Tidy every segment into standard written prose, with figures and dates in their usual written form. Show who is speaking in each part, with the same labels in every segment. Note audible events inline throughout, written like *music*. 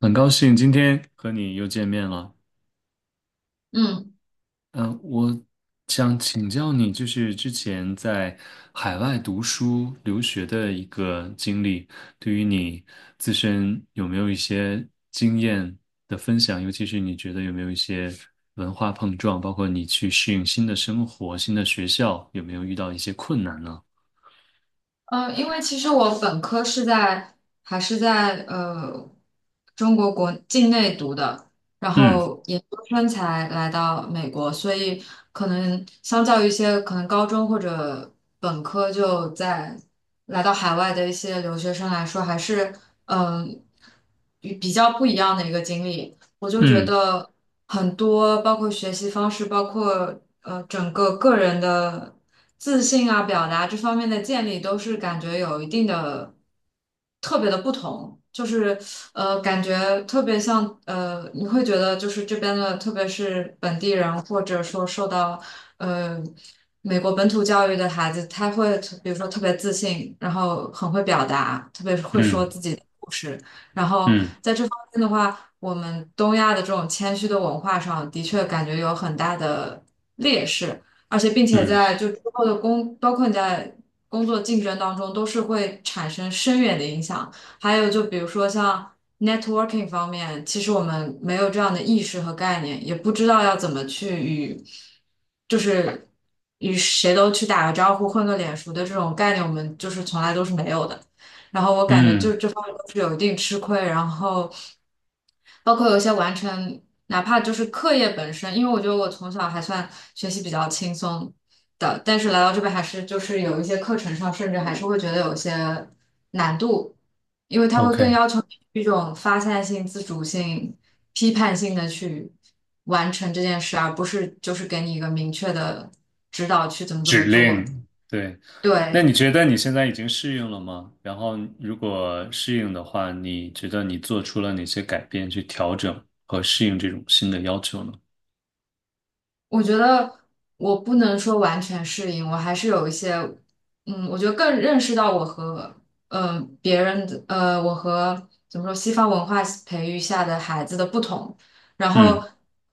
Speaker 1: 很高兴今天和你又见面了。
Speaker 2: 嗯，
Speaker 1: 嗯、我想请教你，就是之前在海外读书留学的一个经历，对于你自身有没有一些经验的分享？尤其是你觉得有没有一些文化碰撞，包括你去适应新的生活、新的学校，有没有遇到一些困难呢？
Speaker 2: 因为其实我本科是在还是在呃中国国境内读的，然
Speaker 1: 嗯
Speaker 2: 后研究生才来到美国，所以可能相较于一些可能高中或者本科来到海外的一些留学生来说，还是嗯、与比较不一样的一个经历。我就觉
Speaker 1: 嗯
Speaker 2: 得很多，包括学习方式，包括整个个人的自信啊、表达这方面的建立，都是感觉有一定的特别的不同。就是感觉特别像你会觉得就是这边的，特别是本地人，或者说受到呃美国本土教育的孩子，他会比如说特别自信，然后很会表达，特别是会说
Speaker 1: 嗯
Speaker 2: 自己的故事。然后
Speaker 1: 嗯
Speaker 2: 在这方面的话，我们东亚的这种谦虚的文化上，的确感觉有很大的劣势，而且并且
Speaker 1: 嗯
Speaker 2: 在就之后的工，包括你在工作竞争当中，都是会产生深远的影响。还有就比如说像 networking 方面，其实我们没有这样的意识和概念，也不知道要怎么去与，就是与谁都去打个招呼、混个脸熟的这种概念，我们就是从来都是没有的。然后我感觉就
Speaker 1: 嗯
Speaker 2: 这方面都是有一定吃亏，然后包括有一些完成，哪怕就是课业本身，因为我觉得我从小还算学习比较轻松的，但是来到这边还是就是有一些课程上，甚至还是会觉得有些难度，因为它会更
Speaker 1: ，OK。
Speaker 2: 要求你一种发散性、自主性、批判性的去完成这件事，而不是就是给你一个明确的指导去怎么怎
Speaker 1: 指
Speaker 2: 么做。
Speaker 1: 令，对。那
Speaker 2: 对，
Speaker 1: 你觉得你现在已经适应了吗？然后，如果适应的话，你觉得你做出了哪些改变去调整和适应这种新的要求呢？
Speaker 2: 我觉得我不能说完全适应，我还是有一些，嗯，我觉得更认识到我和别人的我和怎么说西方文化培育下的孩子的不同，然后
Speaker 1: 嗯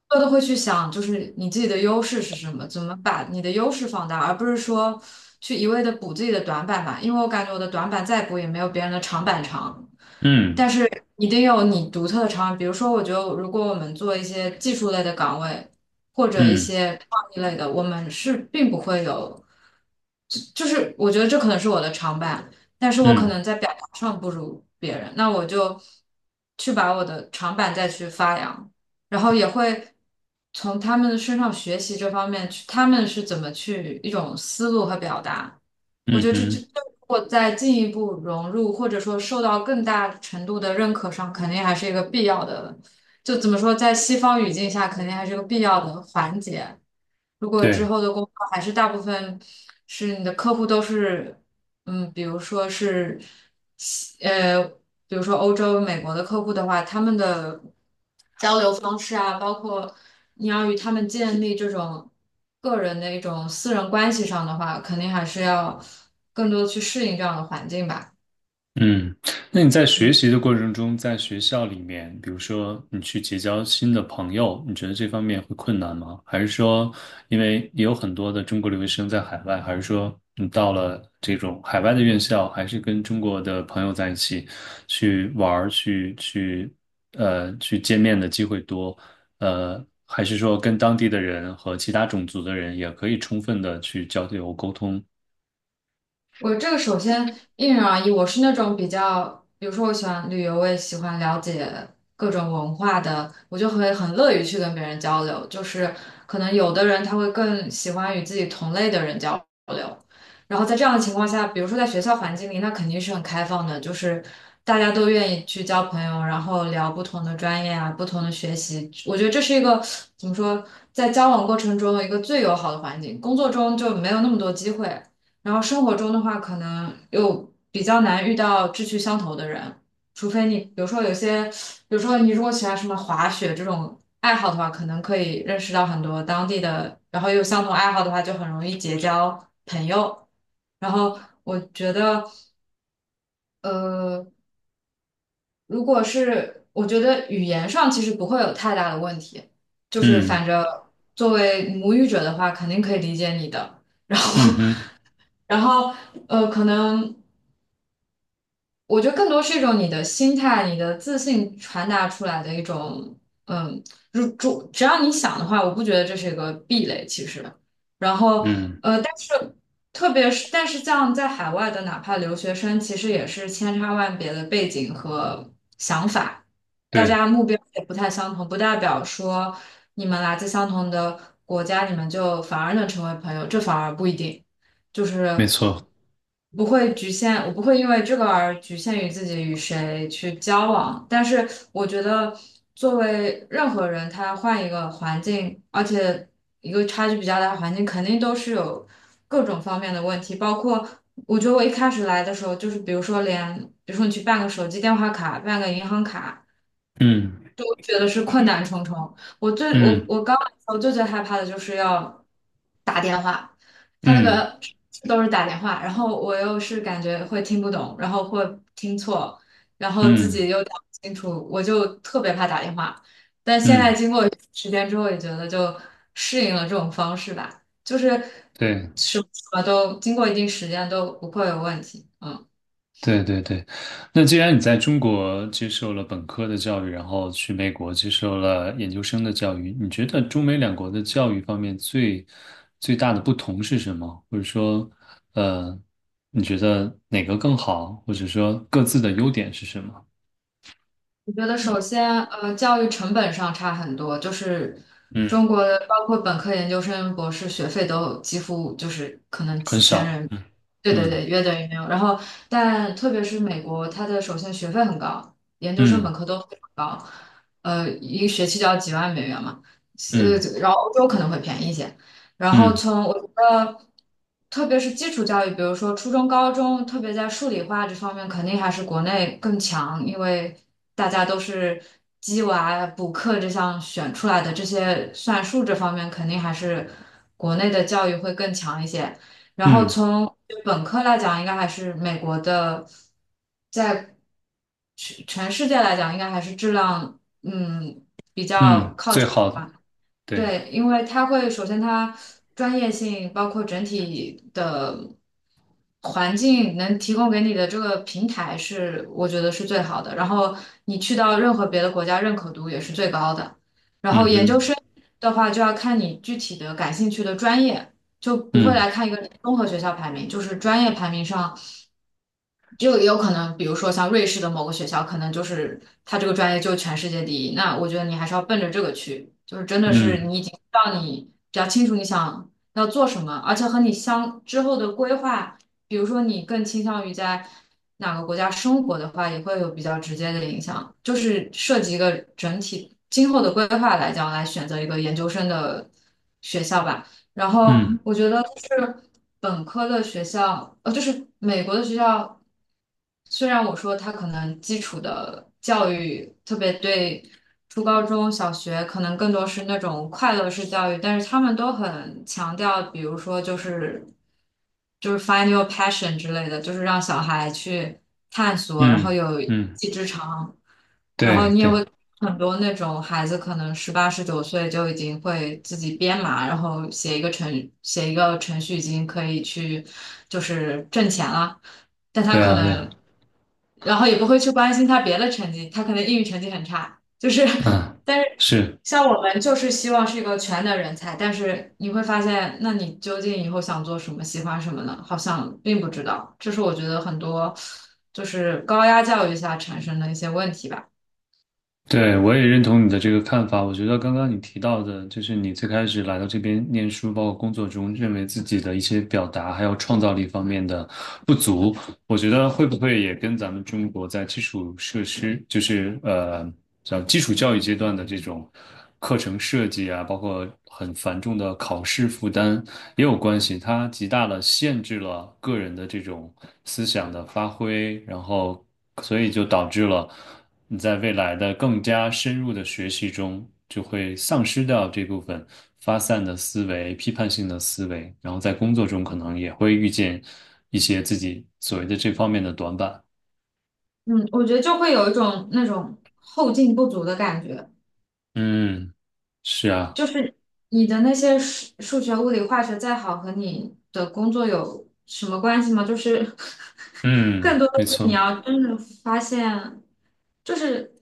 Speaker 2: 我都会去想，就是你自己的优势是什么，怎么把你的优势放大，而不是说去一味的补自己的短板吧，因为我感觉我的短板再补也没有别人的长板长。但
Speaker 1: 嗯
Speaker 2: 是一定有你独特的长板比如说，我觉得如果我们做一些技术类的岗位。或者一
Speaker 1: 嗯
Speaker 2: 些创意类的，我们是并不会有，就是我觉得这可能是我的长板，但是我可
Speaker 1: 嗯
Speaker 2: 能在表达上不如别人，那我就去把我的长板再去发扬，然后也会从他们的身上学习这方面去，他们是怎么去一种思路和表达，我
Speaker 1: 嗯，
Speaker 2: 觉
Speaker 1: 嗯
Speaker 2: 得这这。
Speaker 1: 哼。
Speaker 2: 这如果再进一步融入，或者说受到更大程度的认可上，肯定还是一个必要的就怎么说，在西方语境下，肯定还是个必要的环节。如果之
Speaker 1: 对。
Speaker 2: 后的工作还是大部分是你的客户都是，嗯，比如说是西，呃，比如说欧洲、美国的客户的话，他们的交流方式啊，包括你要与他们建立这种个人的一种私人关系上的话，肯定还是要更多地去适应这样的环境吧。
Speaker 1: 嗯，那你在学习的过程中，在学校里面，比如说你去结交新的朋友，你觉得这方面会困难吗？还是说，因为也有很多的中国留学生在海外，还是说你到了这种海外的院校，还是跟中国的朋友在一起去玩儿、去见面的机会多？还是说跟当地的人和其他种族的人也可以充分的去交流沟通？
Speaker 2: 我这个首先因人而异，我是那种比较，比如说我喜欢旅游，我也喜欢了解各种文化的，我就会很乐于去跟别人交流。就是可能有的人他会更喜欢与自己同类的人交流，然后在这样的情况下，比如说在学校环境里，那肯定是很开放的，就是大家都愿意去交朋友，然后聊不同的专业啊，不同的学习。我觉得这是一个怎么说，在交往过程中一个最友好的环境，工作中就没有那么多机会。然后生活中的话，可能又比较难遇到志趣相投的人，除非你，比如说有些，比如说你如果喜欢什么滑雪这种爱好的话，可能可以认识到很多当地的，然后有相同爱好的话，就很容易结交朋友。然后我觉得，呃，如果是我觉得语言上其实不会有太大的问题，就是
Speaker 1: 嗯，
Speaker 2: 反正作为母语者的话，肯定可以理解你的。*laughs* 然
Speaker 1: 嗯
Speaker 2: 后，
Speaker 1: 哼。
Speaker 2: *laughs* 然后可能。我觉得更多是一种你的心态、你的自信传达出来的一种，嗯，如主只要你想的话，我不觉得这是一个壁垒，其实。然后，
Speaker 1: 嗯。
Speaker 2: 但是特别是，但是像在海外的，哪怕留学生，其实也是千差万别的背景和想法，大
Speaker 1: 对，
Speaker 2: 家目标也不太相同，不代表说你们来自相同的国家，你们就反而能成为朋友，这反而不一定。就
Speaker 1: 没
Speaker 2: 是
Speaker 1: 错。
Speaker 2: 不会局限，我不会因为这个而局限于自己与谁去交往。但是我觉得，作为任何人，他换一个环境，而且一个差距比较大的环境，肯定都是有各种方面的问题，包括。我觉得我一开始来的时候，就是比如说连，比如说你去办个手机电话卡，办个银行卡，
Speaker 1: 嗯
Speaker 2: 就我觉得是困难重重。我最我
Speaker 1: 嗯
Speaker 2: 我刚我最最害怕的就是要打电话，他那
Speaker 1: 嗯
Speaker 2: 个都是打电话，然后我又是感觉会听不懂，然后会听错，然后自己
Speaker 1: 嗯
Speaker 2: 又打不清楚，我就特别怕打电话。但现在
Speaker 1: 嗯，
Speaker 2: 经过时间之后，也觉得就适应了这种方式吧，就是
Speaker 1: 对
Speaker 2: 什么什么都经过一定时间都不会有问题。嗯。
Speaker 1: 对对对。那既然你在中国接受了本科的教育，然后去美国接受了研究生的教育，你觉得中美两国的教育方面最最大的不同是什么？或者说，呃，你觉得哪个更好？或者说各自的优点是什么？
Speaker 2: 我觉得首先，教育成本上差很多，就是
Speaker 1: 嗯，
Speaker 2: 中国的包括本科、研究生、博士学费都几乎就是可能
Speaker 1: 很
Speaker 2: 几千
Speaker 1: 少。
Speaker 2: 人，
Speaker 1: 嗯
Speaker 2: 对对
Speaker 1: 嗯
Speaker 2: 对，约等于没有。然后，但特别是美国，它的首先学费很高，研究生、本
Speaker 1: 嗯
Speaker 2: 科都非常高，一个学期就要几万美元嘛，
Speaker 1: 嗯
Speaker 2: 然后欧洲可能会便宜一些，然后
Speaker 1: 嗯
Speaker 2: 从我觉得，特别是基础教育，比如说初中、高中，特别在数理化这方面，肯定还是国内更强，因为大家都是鸡娃补课这项选出来的，这些算术这方面肯定还是国内的教育会更强一些。然后
Speaker 1: 嗯
Speaker 2: 从本科来讲，应该还是美国的，在全世界来讲，应该还是质量嗯比较
Speaker 1: 嗯，
Speaker 2: 靠
Speaker 1: 最好的。对。
Speaker 2: 对，因为它会首先它专业性，包括整体的环境能提供给你的这个平台是，我觉得是最好的。然后你去到任何别的国家，认可度也是最高的。然后
Speaker 1: 嗯
Speaker 2: 研究
Speaker 1: 哼。
Speaker 2: 生的话，就要看你具体的感兴趣的专业，就不会来
Speaker 1: 嗯
Speaker 2: 看一个综合学校排名，就是专业排名上。就也有可能，比如说像瑞士的某个学校，可能就是他这个专业就全世界第一。那我觉得你还是要奔着这个去，就是真的是
Speaker 1: 嗯。
Speaker 2: 你已经让你比较清楚你想要做什么，而且和你相之后的规划，比如说你更倾向于在哪个国家生活的话，也会有比较直接的影响。就是涉及一个整体今后的规划来讲，来选择一个研究生的学校吧。然后
Speaker 1: 嗯
Speaker 2: 我觉得就是本科的学校，就是美国的学校，虽然我说它可能基础的教育，特别对初高中小学可能更多是那种快乐式教育，但是他们都很强调，比如说就是 find your passion 之类的，就是让小孩去探索，然
Speaker 1: 嗯
Speaker 2: 后有一
Speaker 1: 嗯，
Speaker 2: 技之长。
Speaker 1: 对对
Speaker 2: 很多那种孩子可能18、19岁就已经会自己编码，然后写一个程序已经可以去就是挣钱了，但他
Speaker 1: 对
Speaker 2: 可
Speaker 1: 啊对啊。
Speaker 2: 能，然后也不会去关心他别的成绩，他可能英语成绩很差，就是 *laughs*
Speaker 1: 嗯，
Speaker 2: 但是
Speaker 1: 是。
Speaker 2: 像我们就是希望是一个全能人才，但是你会发现，那你究竟以后想做什么，喜欢什么呢？好像并不知道，这是我觉得很多就是高压教育下产生的一些问题吧。
Speaker 1: 对，我也认同你的这个看法。我觉得刚刚你提到的，就是你最开始来到这边念书，包括工作中，认为自己的一些表达还有创造力方面的不足，我觉得会不会也跟咱们中国在基础设施，就是叫基础教育阶段的这种课程设计啊，包括很繁重的考试负担也有关系。它极大的限制了个人的这种思想的发挥，然后所以就导致了。你在未来的更加深入的学习中，就会丧失掉这部分发散的思维、批判性的思维，然后在工作中可能也会遇见一些自己所谓的这方面的短板。
Speaker 2: 嗯，我觉得就会有一种那种后劲不足的感觉，
Speaker 1: 嗯，是啊。
Speaker 2: 就是你的那些数学、物理、化学再好，和你的工作有什么关系吗？就是 *laughs* 更
Speaker 1: 嗯，
Speaker 2: 多的
Speaker 1: 没
Speaker 2: 是你
Speaker 1: 错。
Speaker 2: 要真的发现，就是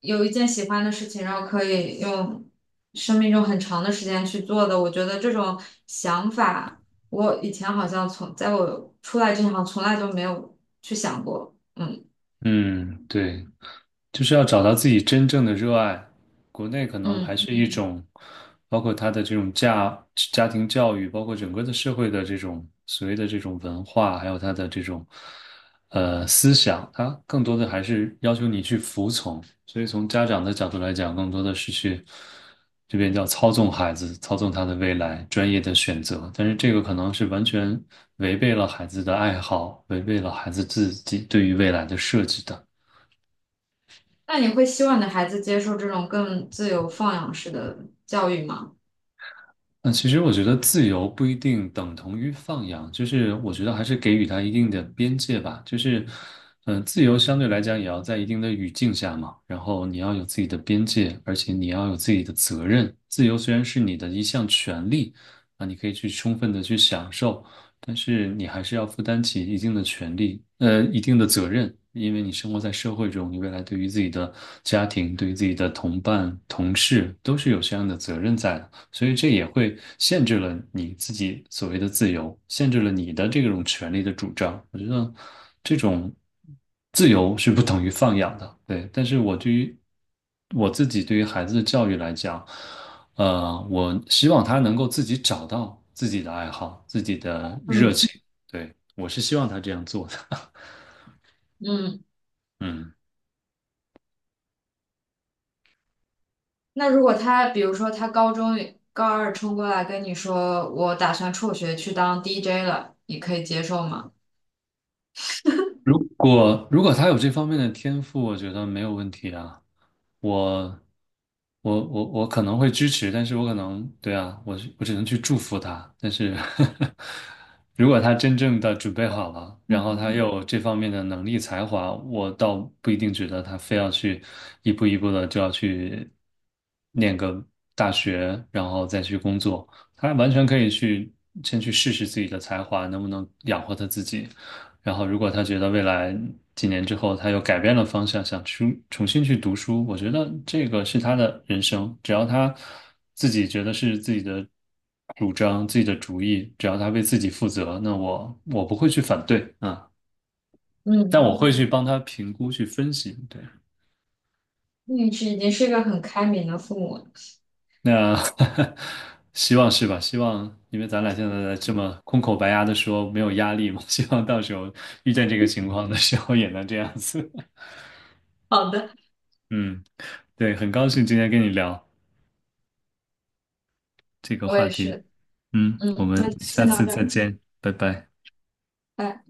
Speaker 2: 有一件喜欢的事情，然后可以用生命中很长的时间去做的。我觉得这种想法，我以前好像从在我出来之前，好像从来就没有去想过。嗯
Speaker 1: 嗯，对。就是要找到自己真正的热爱。国内可能还
Speaker 2: 嗯。
Speaker 1: 是一种，包括他的这种家庭教育，包括整个的社会的这种所谓的这种文化，还有他的这种思想，他更多的还是要求你去服从。所以从家长的角度来讲，更多的是去这边叫操纵孩子，操纵他的未来，专业的选择。但是这个可能是完全违背了孩子的爱好，违背了孩子自己对于未来的设计的。
Speaker 2: 那你会希望你的孩子接受这种更自由放养式的教育吗？
Speaker 1: 那其实我觉得自由不一定等同于放养，就是我觉得还是给予它一定的边界吧。就是，自由相对来讲也要在一定的语境下嘛，然后你要有自己的边界，而且你要有自己的责任。自由虽然是你的一项权利，啊，你可以去充分的去享受，但是你还是要负担起一定的权利，一定的责任，因为你生活在社会中，你未来对于自己的家庭、对于自己的同伴、同事都是有这样的责任在的。所以这也会限制了你自己所谓的自由，限制了你的这种权利的主张。我觉得这种自由是不等于放养的，对。但是我对于我自己对于孩子的教育来讲，我希望他能够自己找到自己的爱好、自己的热
Speaker 2: 嗯
Speaker 1: 情。对，我是希望他这样做的。
Speaker 2: 嗯，
Speaker 1: *laughs* 嗯。
Speaker 2: 那如果他，比如说他高中高二冲过来跟你说，我打算辍学去当 DJ 了，你可以接受吗？
Speaker 1: 如果他有这方面的天赋，我觉得没有问题啊。我我可能会支持，但是我可能对啊，我只能去祝福他。但是 *laughs* 如果他真正的准备好了，然后他又有这方面的能力才华，我倒不一定觉得他非要去一步一步的就要去念个大学，然后再去工作。他完全可以去先去试试自己的才华能不能养活他自己。然后，如果他觉得未来几年之后他又改变了方向，想去重新去读书，我觉得这个是他的人生。只要他自己觉得是自己的主张、自己的主意，只要他为自己负责，那我不会去反对啊，但
Speaker 2: 嗯，
Speaker 1: 我会去帮他评估、去分析。对，
Speaker 2: 你是已经是一个很开明的父母了。
Speaker 1: 那 *laughs* 希望是吧？希望因为咱俩现在这么空口白牙的说没有压力嘛，*laughs* 希望到时候遇见这个情况的时候也能这样子。*laughs*
Speaker 2: 好的，
Speaker 1: 嗯，对，很高兴今天跟你聊。这个
Speaker 2: 我
Speaker 1: 话
Speaker 2: 也
Speaker 1: 题。
Speaker 2: 是，
Speaker 1: 嗯，我
Speaker 2: 嗯，
Speaker 1: 们
Speaker 2: 那就
Speaker 1: 下
Speaker 2: 先到
Speaker 1: 次
Speaker 2: 这
Speaker 1: 再
Speaker 2: 儿。
Speaker 1: 见，拜拜。
Speaker 2: 拜拜。